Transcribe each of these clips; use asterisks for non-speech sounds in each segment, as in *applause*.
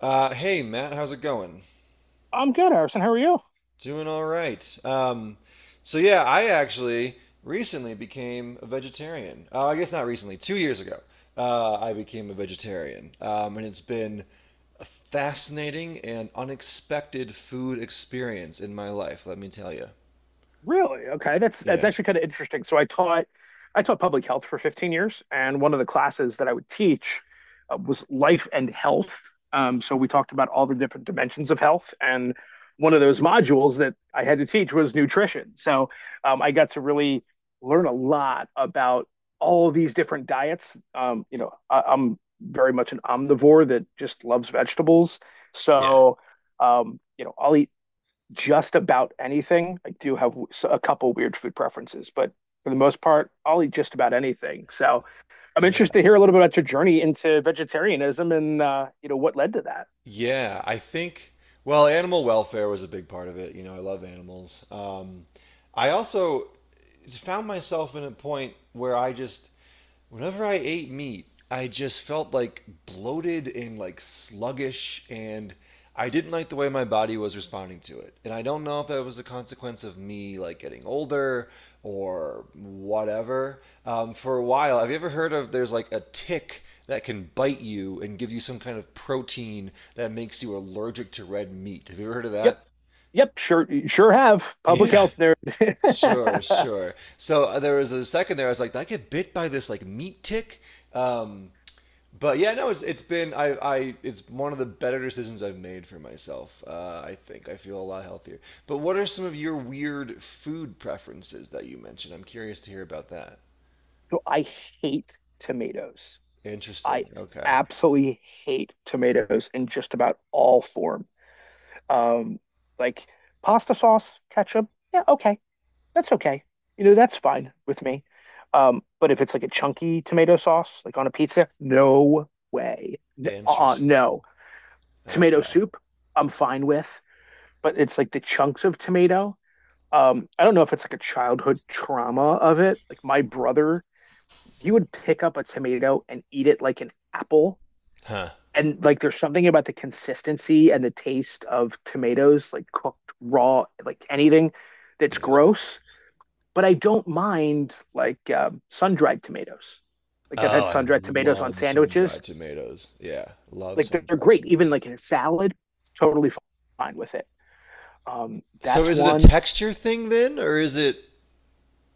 Hey Matt, how's it going? I'm good, Harrison. How are you? Doing all right. So yeah, I actually recently became a vegetarian. I guess not recently, 2 years ago. I became a vegetarian, and it's been a fascinating and unexpected food experience in my life. Let me tell you. Really? Okay, that's Yeah. actually kind of interesting. So I taught public health for 15 years, and one of the classes that I would teach was life and health. So we talked about all the different dimensions of health, and one of those modules that I had to teach was nutrition. So I got to really learn a lot about all these different diets. You know, I'm very much an omnivore that just loves vegetables. Yeah. So, you know, I'll eat just about anything. I do have a couple weird food preferences, but for the most part, I'll eat just about anything. So I'm interested to hear a little bit about your journey into vegetarianism and you know what led to that. Yeah, I think, well, animal welfare was a big part of it. You know, I love animals. I also found myself in a point where I just, whenever I ate meat, I just felt like bloated and like sluggish, and I didn't like the way my body was responding to it. And I don't know if that was a consequence of me like getting older or whatever. For a while, have you ever heard of there's like a tick that can bite you and give you some kind of protein that makes you allergic to red meat? Have you ever heard of Yep, that? yep, sure, sure have. Public Yeah. health Sure, nerd. *laughs* sure. So there was a second there. I was like, "Did I get bit by this like meat tick?" Um, but yeah, no, it's been, I it's one of the better decisions I've made for myself. I think I feel a lot healthier. But what are some of your weird food preferences that you mentioned? I'm curious to hear about that. So I hate tomatoes. I Interesting. Okay. absolutely hate tomatoes in just about all form. Um, like pasta sauce, ketchup, yeah, okay, that's okay. You know, that's fine with me. But if it's like a chunky tomato sauce, like on a pizza, no way. Interesting. No. Tomato Okay. soup, I'm fine with, but it's like the chunks of tomato. I don't know if it's like a childhood trauma of it. Like my brother, he would pick up a tomato and eat it like an apple. Huh. And like there's something about the consistency and the taste of tomatoes, like cooked raw, like anything that's Yeah. gross, but I don't mind like sun dried tomatoes. Like I've Oh, had I sun dried tomatoes on love sandwiches. sun-dried tomatoes. Yeah, love Like they're sun-dried great, even tomatoes. like in a salad, totally fine with it. So That's is it a one. texture thing then, or is it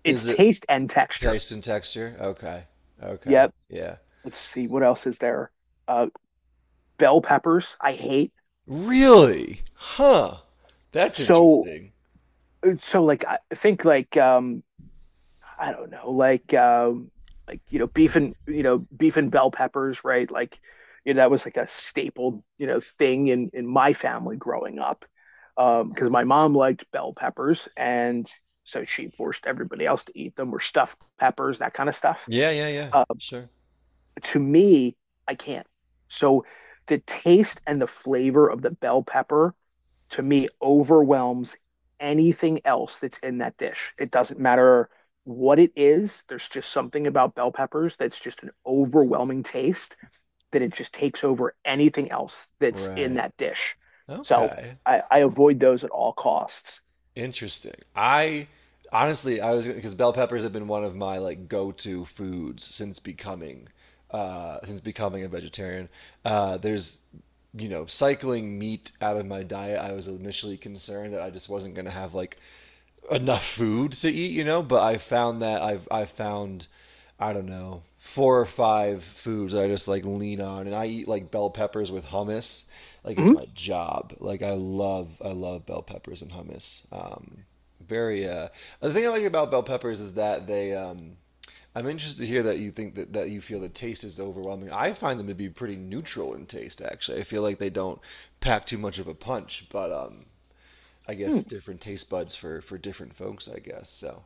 It's Is it taste and texture. taste and texture? Okay. Okay. Yep. Yeah. Let's see what else is there. Uh, Bell peppers, I hate. Really? Huh. That's So interesting. so I don't know, like you know, beef and you know, beef and bell peppers, right? Like, you know, that was like a staple, you know, thing in my family growing up, because my mom liked bell peppers, and so she forced everybody else to eat them, or stuffed peppers, that kind of stuff. Yeah, yeah, yeah. Uh, Sure. to me, I can't. So the taste and the flavor of the bell pepper to me overwhelms anything else that's in that dish. It doesn't matter what it is. There's just something about bell peppers that's just an overwhelming taste that it just takes over anything else that's in Right. that dish. So Okay. I avoid those at all costs. Interesting. I honestly, I was because bell peppers have been one of my like go-to foods since becoming a vegetarian. There's cycling meat out of my diet. I was initially concerned that I just wasn't going to have like enough food to eat. But I found that I found I don't know, four or five foods that I just like lean on. And I eat like bell peppers with hummus. Like it's Mhm. my job. Like I love bell peppers and hummus. Very, uh, the thing I like about bell peppers is that I'm interested to hear that you think that you feel the taste is overwhelming. I find them to be pretty neutral in taste, actually. I feel like they don't pack too much of a punch, but I guess Hmm. different taste buds for different folks, I guess. So,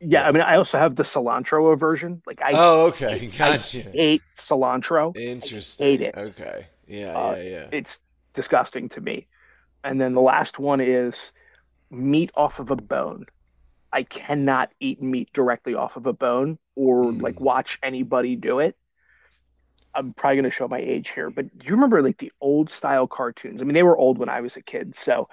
Yeah, I yeah. mean, I also have the cilantro aversion. Oh, okay. *laughs* I Gotcha. hate cilantro. I hate Interesting. it. Okay. Yeah, Uh, yeah, yeah. it's disgusting to me. And then the last one is meat off of a bone. I cannot eat meat directly off of a bone or like watch anybody do it. I'm probably going to show my age here, but do you remember like the old style cartoons? I mean, they were old when I was a kid. So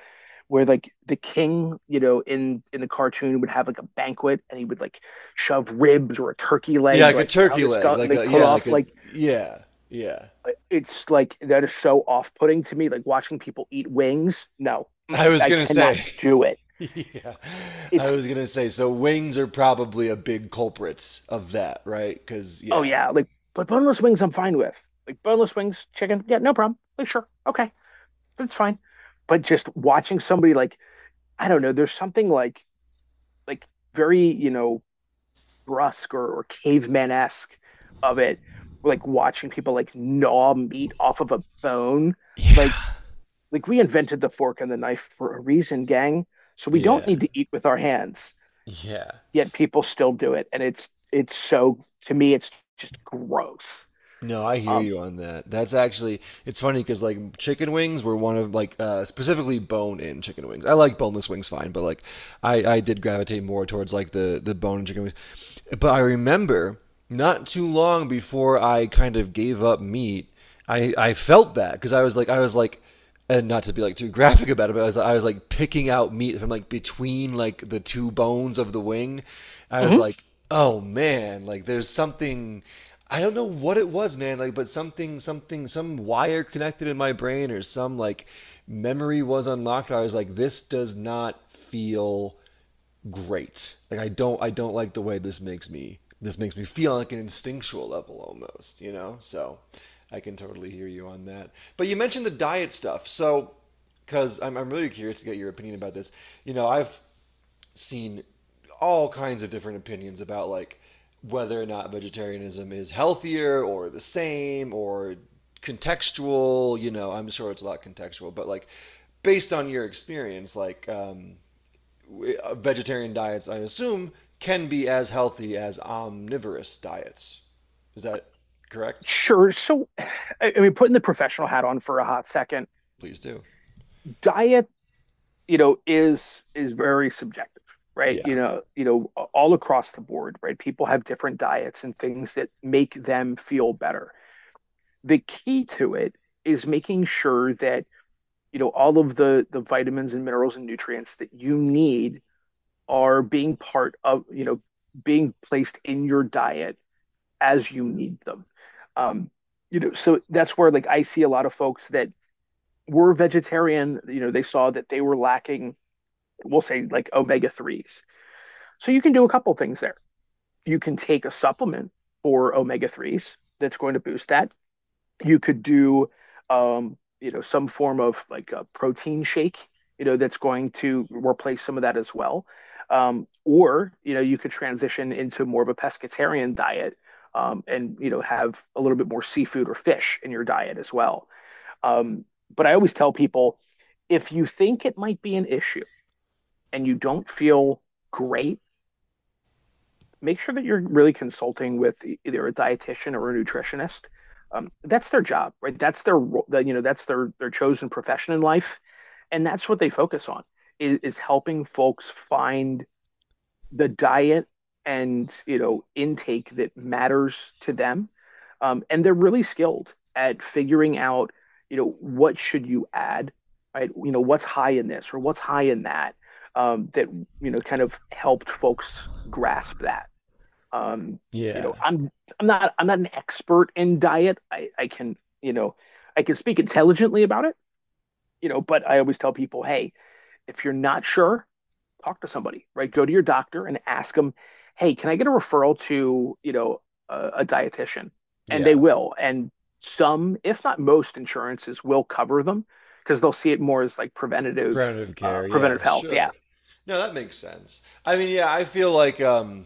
where like the king, you know, in the cartoon would have like a banquet and he would like shove ribs or a turkey Yeah, leg like a like down turkey his leg, skull and like put like off a like yeah, yeah. it's like that is so off-putting to me. Like watching people eat wings. No, I was I gonna cannot say, do it. *laughs* yeah, I It's was gonna say. So wings are probably a big culprits of that, right? Because oh yeah. yeah, like but boneless wings I'm fine with. Like boneless wings, chicken, yeah, no problem. Like sure, okay, that's fine. But just watching somebody like I don't know, there's something like very you know brusque or, caveman esque of it, like watching people like gnaw meat off of a bone. Yeah. Like like we invented the fork and the knife for a reason, gang. So we don't Yeah, need to eat with our hands. yeah. Yet people still do it, and it's so to me it's just gross. No, I hear Um, you on that. That's actually it's funny because like chicken wings were one of like specifically bone-in chicken wings. I like boneless wings fine, but like I did gravitate more towards like the bone-in chicken wings. But I remember, not too long before I kind of gave up meat, I felt that because I was like, and not to be like too graphic about it, but I was like picking out meat from like between like the two bones of the wing. I was mhm. like, oh man, like there's something. I don't know what it was, man. Like, but some wire connected in my brain or some like memory was unlocked. I was like, this does not feel great. Like I don't like the way this makes me feel on, like an instinctual level almost, you know? So I can totally hear you on that. But you mentioned the diet stuff. So cuz I'm really curious to get your opinion about this. You know, I've seen all kinds of different opinions about like whether or not vegetarianism is healthier or the same or contextual. You know, I'm sure it's a lot contextual, but like based on your experience like vegetarian diets, I assume, can be as healthy as omnivorous diets. Is that correct? Sure. So, I mean, putting the professional hat on for a hot second, Please do. diet, you know, is very subjective, right? Yeah. You know, all across the board, right? People have different diets and things that make them feel better. The key to it is making sure that, you know, all of the vitamins and minerals and nutrients that you need are being part of, you know, being placed in your diet as you need them. Um, you know, so that's where like I see a lot of folks that were vegetarian, you know, they saw that they were lacking, we'll say like omega 3's. So you can do a couple things there. You can take a supplement for omega 3's that's going to boost that. You could do, you know, some form of like a protein shake, you know, that's going to replace some of that as well. Or, you know, you could transition into more of a pescatarian diet and, you know, have a little bit more seafood or fish in your diet as well. Um, but I always tell people if you think it might be an issue and you don't feel great, make sure that you're really consulting with either a dietitian or a nutritionist. That's their job, right? That's their that you know that's their chosen profession in life, and that's what they focus on is helping folks find the diet and you know intake that matters to them and they're really skilled at figuring out you know what should you add right you know what's high in this or what's high in that that you know kind of helped folks grasp that um, you know Yeah. I'm not an expert in diet I can you know I can speak intelligently about it you know but I always tell people hey if you're not sure talk to somebody, right? Go to your doctor and ask them, hey, can I get a referral to, you know, a dietitian? And they Yeah. will. And some, if not most insurances will cover them because they'll see it more as like preventative, Preventative care. Yeah. preventative health. Yeah. Sure. No, that makes sense. I mean, yeah, I feel like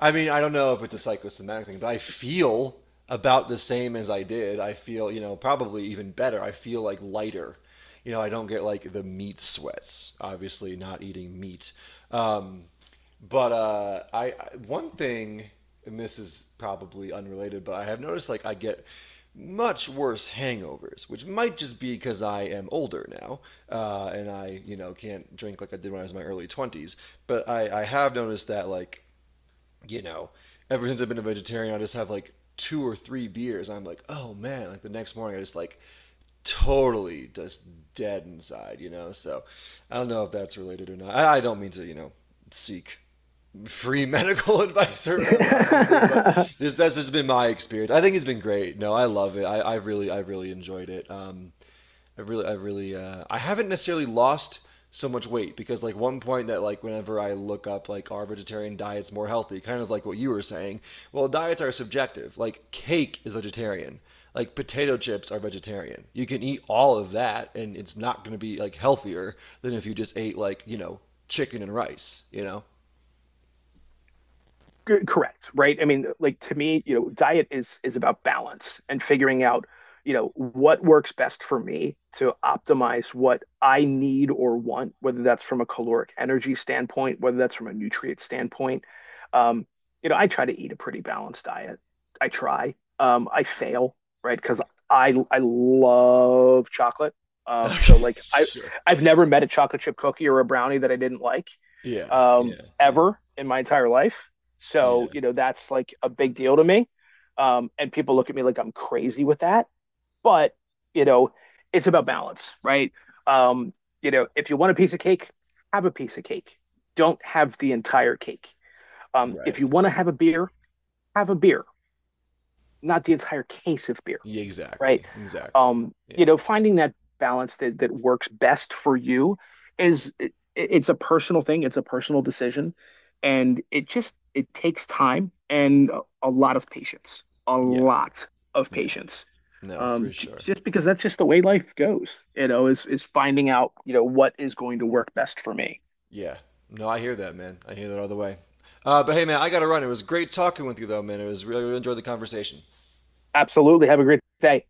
I mean, I don't know if it's a psychosomatic thing, but I feel about the same as I did. I feel, you know, probably even better. I feel like lighter. You know, I don't get like the meat sweats. Obviously, not eating meat. Um, but I one thing, and this is probably unrelated, but I have noticed like I get much worse hangovers, which might just be because I am older now, and I you know can't drink like I did when I was in my early twenties. But I have noticed that like you know, ever since I've been a vegetarian, I just have like two or three beers. I'm like, oh man, like the next morning, I just like totally just dead inside, you know? So I don't know if that's related or not. I don't mean to, you know, seek free *laughs* medical advice or whatever, obviously, but *laughs* this, that's just been my experience. I think it's been great. No, I love it. I really enjoyed it. I haven't necessarily lost so much weight because like one point that like whenever I look up like are vegetarian diets more healthy, kind of like what you were saying. Well, diets are subjective. Like cake is vegetarian. Like potato chips are vegetarian. You can eat all of that, and it's not going to be like healthier than if you just ate like you know chicken and rice. You know. *laughs* Correct, right? I mean, like to me, you know, diet is about balance and figuring out, you know, what works best for me to optimize what I need or want, whether that's from a caloric energy standpoint, whether that's from a nutrient standpoint. Um, you know, I try to eat a pretty balanced diet. I try. I fail, right? Because I love chocolate. Um, Okay. so like I Sure. I've never met a chocolate chip cookie or a brownie that I didn't like Yeah. Yeah. Yeah. ever in my entire life. So, Yeah. you know, that's like a big deal to me. And people look at me like I'm crazy with that. But, you know, it's about balance, right? Um, you know, if you want a piece of cake, have a piece of cake. Don't have the entire cake. If you Right. want to have a beer, not the entire case of beer, Yeah, right? exactly. Exactly. Yeah. You know, finding that balance that works best for you is it's a personal thing, it's a personal decision, and it just it takes time and a lot of patience, a Yeah. lot of Yeah. patience. No, for J sure. just because that's just the way life goes, you know, is finding out, you know, what is going to work best for me. Yeah. No, I hear that, man. I hear that all the way. But hey, man, I got to run. It was great talking with you, though, man. It was really, really enjoyed the conversation. Absolutely. Have a great day.